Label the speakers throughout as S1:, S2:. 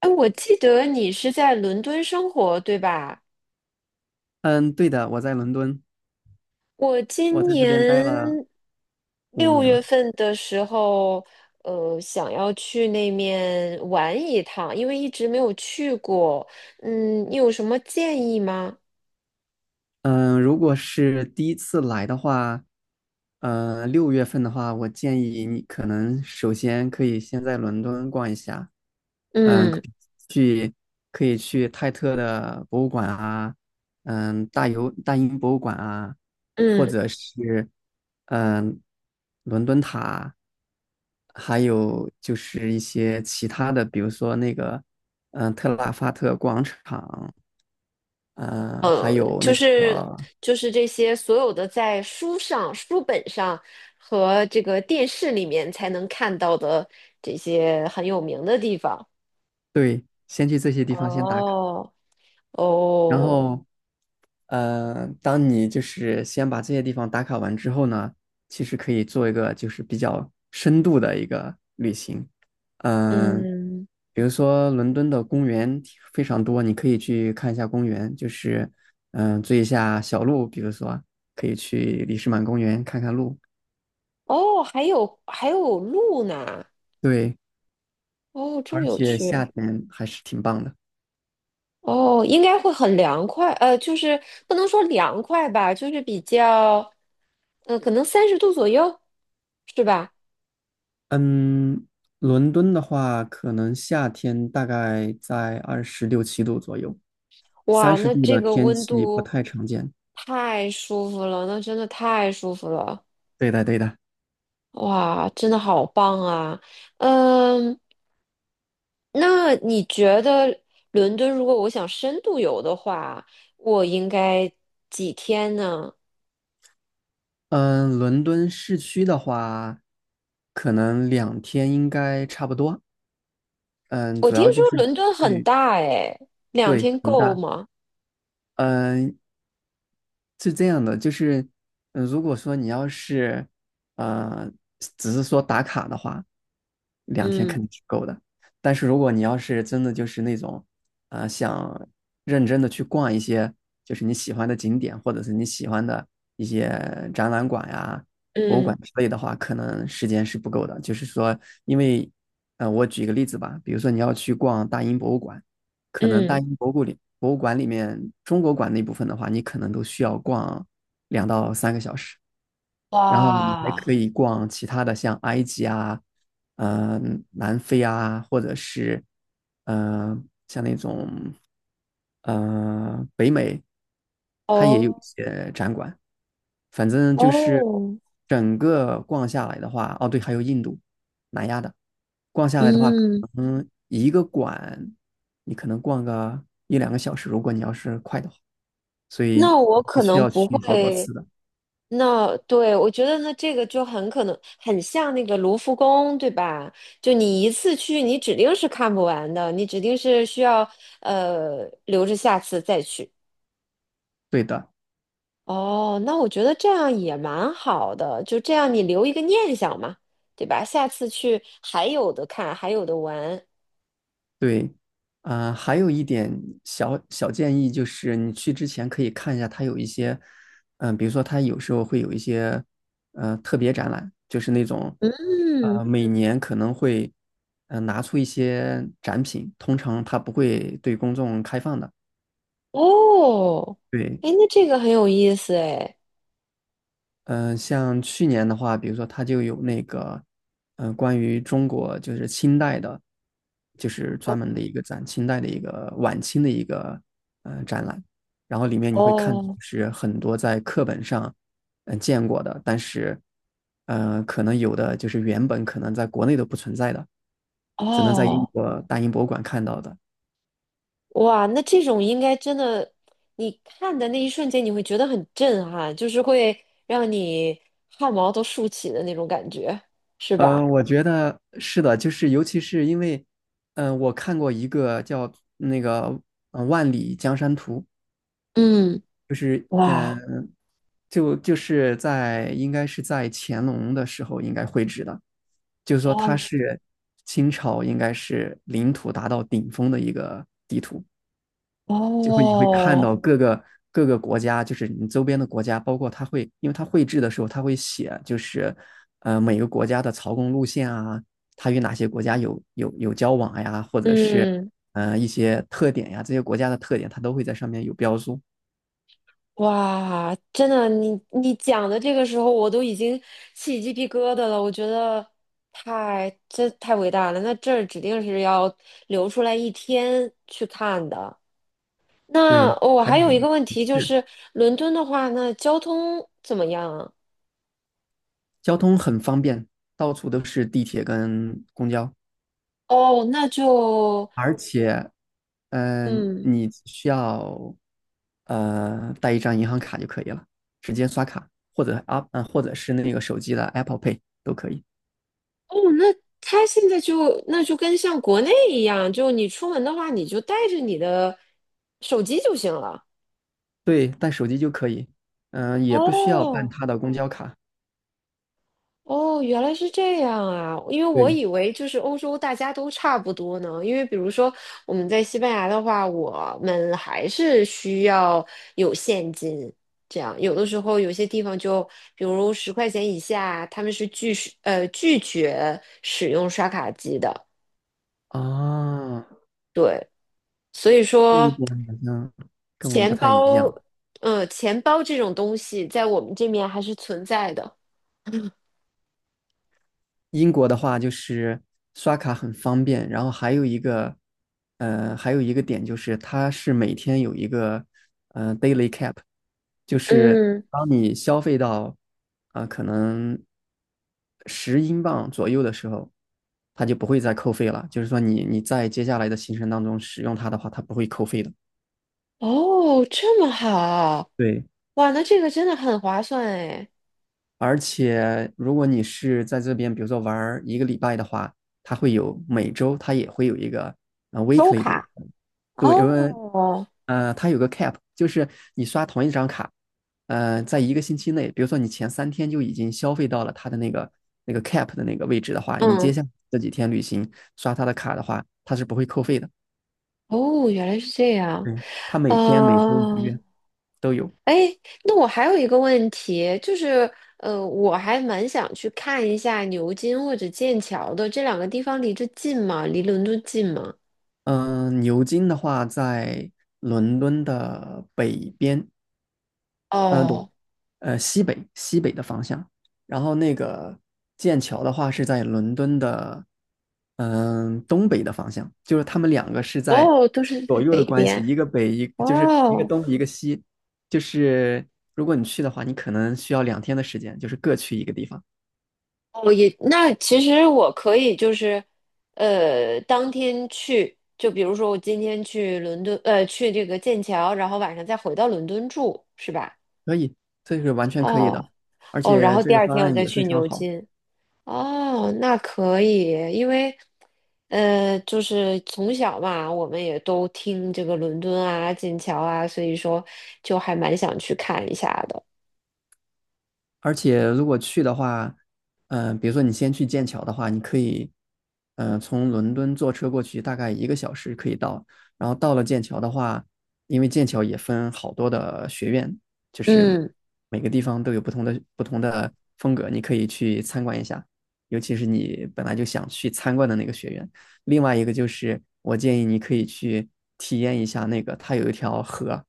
S1: 哎，我记得你是在伦敦生活，对吧？
S2: 嗯，对的，我在伦敦，
S1: 我
S2: 我
S1: 今
S2: 在
S1: 年
S2: 这边待了五
S1: 六
S2: 年
S1: 月
S2: 了。
S1: 份的时候，想要去那面玩一趟，因为一直没有去过。嗯，你有什么建议吗？
S2: 嗯，如果是第一次来的话，六月份的话，我建议你可能首先可以先在伦敦逛一下，嗯，
S1: 嗯
S2: 去可以去泰特的博物馆啊，大英博物馆啊，或
S1: 嗯，
S2: 者是嗯，伦敦塔，还有就是一些其他的，比如说那个特拉法特广场，嗯，还
S1: 呃，
S2: 有
S1: 就
S2: 那
S1: 是
S2: 个。
S1: 就是这些所有的在书上、书本上和这个电视里面才能看到的这些很有名的地方。
S2: 对，先去这些地方先打卡，
S1: 哦
S2: 然
S1: 哦。
S2: 后，当你就是先把这些地方打卡完之后呢，其实可以做一个就是比较深度的一个旅行，嗯、
S1: 嗯，
S2: 比如说伦敦的公园非常多，你可以去看一下公园，就是追一下小鹿，比如说可以去里士满公园看看鹿，
S1: 哦，还有路呢，
S2: 对，
S1: 哦，这么
S2: 而
S1: 有
S2: 且
S1: 趣，
S2: 夏天还是挺棒的。
S1: 哦，应该会很凉快，就是不能说凉快吧，就是比较，可能30度左右，是吧？
S2: 嗯，伦敦的话，可能夏天大概在二十六七度左右，三
S1: 哇，
S2: 十
S1: 那
S2: 度
S1: 这
S2: 的
S1: 个
S2: 天
S1: 温
S2: 气不
S1: 度
S2: 太常见。
S1: 太舒服了，那真的太舒服了，
S2: 对的，对的。
S1: 哇，真的好棒啊，嗯，那你觉得伦敦如果我想深度游的话，我应该几天呢？
S2: 嗯，伦敦市区的话，可能两天应该差不多。嗯，
S1: 我
S2: 主要
S1: 听
S2: 就
S1: 说
S2: 是
S1: 伦敦很
S2: 去，
S1: 大诶，两
S2: 对，
S1: 天
S2: 很
S1: 够
S2: 大。
S1: 吗？
S2: 嗯，是这样的，就是，如果说你要是，呃，只是说打卡的话，两天
S1: 嗯
S2: 肯定是够的。但是如果你要是真的就是那种，想认真的去逛一些就是你喜欢的景点，或者是你喜欢的一些展览馆呀、博物
S1: 嗯
S2: 馆之类的话，可能时间是不够的。就是说，因为，我举一个例子吧，比如说你要去逛大英博物馆，可能大
S1: 嗯，
S2: 英博物里博物馆里面中国馆那部分的话，你可能都需要逛2到3个小时，然后你还
S1: 哇，
S2: 可以逛其他的，像埃及啊、呃南非啊，或者是呃像那种北美，它也有一
S1: 哦
S2: 些展馆。反正就是
S1: 哦，
S2: 整个逛下来的话，哦对，还有印度、南亚的，逛下来的话。
S1: 嗯，
S2: 嗯，一个馆你可能逛个一两个小时，如果你要是快的话，所
S1: 那
S2: 以
S1: 我可
S2: 也需
S1: 能
S2: 要
S1: 不
S2: 去好多
S1: 会，
S2: 次的。
S1: 那对，我觉得那这个就很可能很像那个卢浮宫，对吧？就你一次去，你指定是看不完的，你指定是需要留着下次再去。
S2: 对的，
S1: 哦，那我觉得这样也蛮好的，就这样你留一个念想嘛，对吧？下次去还有的看，还有的玩。
S2: 对，啊、还有一点小小建议就是，你去之前可以看一下，它有一些，比如说它有时候会有一些，特别展览，就是那种，
S1: 嗯，
S2: 每年可能会，拿出一些展品，通常它不会对公众开放的。
S1: 哦，
S2: 对，
S1: 哎，那这个很有意思哎。
S2: 像去年的话，比如说它就有那个，关于中国就是清代的，就是专门的
S1: 哦
S2: 一个展，清代的一个晚清的一个展览，然后里面你会看到就
S1: 哦
S2: 是很多在课本上见过的，但是可能有的就是原本可能在国内都不存在的，只能在英
S1: 哦，
S2: 国大英博物馆看到的。
S1: 哇，那这种应该真的，你看的那一瞬间你会觉得很震撼，就是会让你汗毛都竖起的那种感觉，是
S2: 嗯，
S1: 吧？
S2: 我觉得是的，就是尤其是因为，我看过一个叫那个《万里江山图》，
S1: 嗯，哇，
S2: 就是在应该是在乾隆的时候应该绘制的，就是说它
S1: 哦
S2: 是清朝应该是领土达到顶峰的一个就会你会看
S1: 哦，
S2: 到各个国家，就是你周边的国家，包括他会，因为他绘制的时候，他会写，就是每个国家的朝贡路线啊，他与哪些国家有交往呀，或者是
S1: 嗯。
S2: 一些特点呀，这些国家的特点，他都会在上面有标注。
S1: 哇，真的，你讲的这个时候，我都已经起鸡皮疙瘩了。我觉得太，这太伟大了。那这儿指定是要留出来一天去看的。那
S2: 对，
S1: 我、哦、
S2: 还有
S1: 还有一个问题就
S2: 是
S1: 是，伦敦的话，那交通怎么样啊？
S2: 交通很方便，到处都是地铁跟公交，
S1: 哦，那就，
S2: 而且
S1: 嗯，
S2: 你需要带一张银行卡就可以了，直接刷卡，或者是那个手机的 Apple Pay 都可以。
S1: 哦，那他现在就那就跟像国内一样，就你出门的话，你就带着你的手机就行了。
S2: 对，带手机就可以，也不需要办
S1: 哦，
S2: 他的公交卡。
S1: 哦，原来是这样啊！因为我
S2: 对，
S1: 以为就是欧洲大家都差不多呢。因为比如说我们在西班牙的话，我们还是需要有现金，这样有的时候有些地方就，比如10块钱以下，他们是拒绝使用刷卡机的。
S2: 啊，
S1: 所以
S2: 这一
S1: 说，
S2: 点好像跟我们不
S1: 钱
S2: 太一
S1: 包，
S2: 样。
S1: 钱包这种东西在我们这面还是存在的。
S2: 英国的话就是刷卡很方便，然后还有一个点就是它是每天有一个，daily cap，就是
S1: 嗯，
S2: 当你消费到，可能10英镑左右的时候，它就不会再扣费了。就是说你在接下来的行程当中使用它的话，它不会扣费的。
S1: 哦，这么好，
S2: 对，
S1: 哇，那这个真的很划算哎。
S2: 而且如果你是在这边，比如说玩一个礼拜的话，它会有每周它也会有一个
S1: 周
S2: weekly 的，
S1: 卡。
S2: 对，因为
S1: 哦，
S2: 它有个 cap，就是你刷同一张卡，在一个星期内，比如说你前3天就已经消费到了它的那个 cap 的那个位置的话，你接
S1: 嗯，
S2: 下来这几天旅行刷它的卡的话，它是不会扣费的。
S1: 哦，原来是这样。
S2: 嗯，它
S1: 啊，
S2: 每天、每周、每月都有。
S1: 哎，那我还有一个问题，就是我还蛮想去看一下牛津或者剑桥的这两个地方，离这近吗？离伦敦近吗？
S2: 嗯、牛津的话在伦敦的北边。嗯，对，
S1: 哦，
S2: 西北的方向，然后那个剑桥的话是在伦敦的东北的方向，就是他们两个是在
S1: 哦，都是
S2: 左
S1: 在
S2: 右
S1: 北
S2: 的关系，
S1: 边。
S2: 一个北就是一个
S1: 哦，
S2: 东一个西，就是如果你去的话，你可能需要2天的时间，就是各去一个地方，
S1: 哦，也，那其实我可以就是，当天去，就比如说我今天去伦敦，去这个剑桥，然后晚上再回到伦敦住，是吧？
S2: 可以，这是完全可以的，
S1: 哦
S2: 而
S1: 哦，然
S2: 且
S1: 后
S2: 这
S1: 第
S2: 个
S1: 二
S2: 方
S1: 天我
S2: 案
S1: 再
S2: 也非
S1: 去
S2: 常
S1: 牛
S2: 好。
S1: 津。哦，那可以，因为就是从小嘛，我们也都听这个伦敦啊、剑桥啊，所以说就还蛮想去看一下的。
S2: 而且如果去的话，比如说你先去剑桥的话，你可以，从伦敦坐车过去，大概1个小时可以到。然后到了剑桥的话，因为剑桥也分好多的学院，就是
S1: 嗯，
S2: 每个地方都有不同的风格，你可以去参观一下。尤其是你本来就想去参观的那个学院。另外一个就是，我建议你可以去体验一下那个，它有一条河，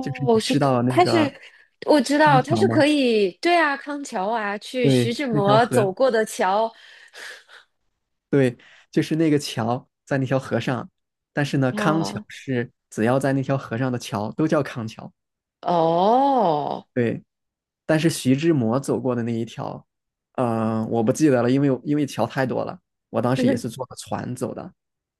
S2: 就是你
S1: 是
S2: 知
S1: 可，
S2: 道那
S1: 它是
S2: 个
S1: 我知道
S2: 康
S1: 它
S2: 桥
S1: 是可
S2: 吗？
S1: 以，对啊，康桥啊，去徐
S2: 对，
S1: 志
S2: 那条
S1: 摩
S2: 河，
S1: 走过的桥。
S2: 对，就是那个桥在那条河上，但是呢，康桥
S1: 哦
S2: 是只要在那条河上的桥都叫康桥。
S1: 哦，
S2: 对，但是徐志摩走过的那一条，我不记得了，因为桥太多了，我当时也是 坐的船走的。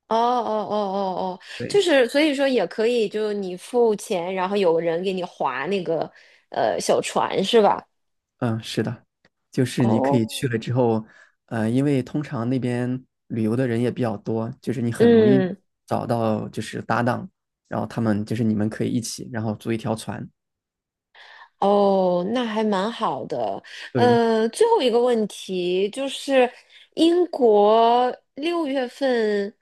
S1: 哦哦哦哦哦，就
S2: 对，
S1: 是所以说也可以，就你付钱，然后有个人给你划那个小船是吧？
S2: 嗯，是的，就是你可
S1: 哦，
S2: 以去了之后，因为通常那边旅游的人也比较多，就是你很容易
S1: 嗯，
S2: 找到就是搭档，然后他们就是你们可以一起，然后租一条船。
S1: 哦，那还蛮好的。
S2: 对。
S1: 最后一个问题就是英国六月份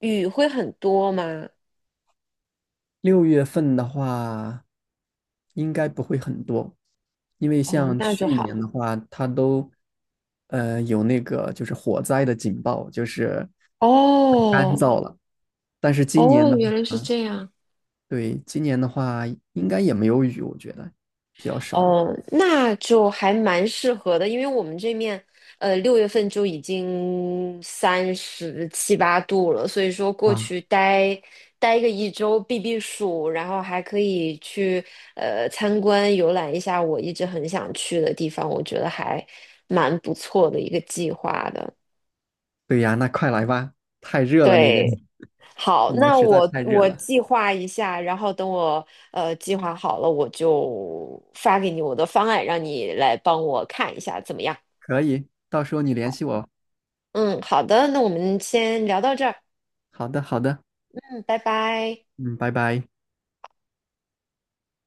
S1: 雨会很多吗？
S2: 六月份的话，应该不会很多，因为
S1: 哦，
S2: 像
S1: 那就
S2: 去
S1: 好。
S2: 年的话，它都有那个就是火灾的警报，就是干
S1: 哦
S2: 燥了。但是今年
S1: 哦，
S2: 的
S1: 原来是
S2: 话，
S1: 这样。
S2: 对，今年的话应该也没有雨，我觉得比较少吧。
S1: 哦，那就还蛮适合的，因为我们这面，六月份就已经37、38度了，所以说过
S2: 哇，
S1: 去待个一周避避暑，然后还可以去参观游览一下我一直很想去的地方，我觉得还蛮不错的一个计划的。
S2: 对呀，那快来吧，太热了那边，
S1: 对，好，
S2: 你们
S1: 那
S2: 实在
S1: 我
S2: 太热
S1: 我
S2: 了。
S1: 计划一下，然后等我计划好了，我就发给你我的方案，让你来帮我看一下怎么样？
S2: 可以，到时候你联系我。
S1: 嗯，好的，那我们先聊到这儿，
S2: 好的，好的，
S1: 嗯，拜拜。
S2: 嗯，拜拜。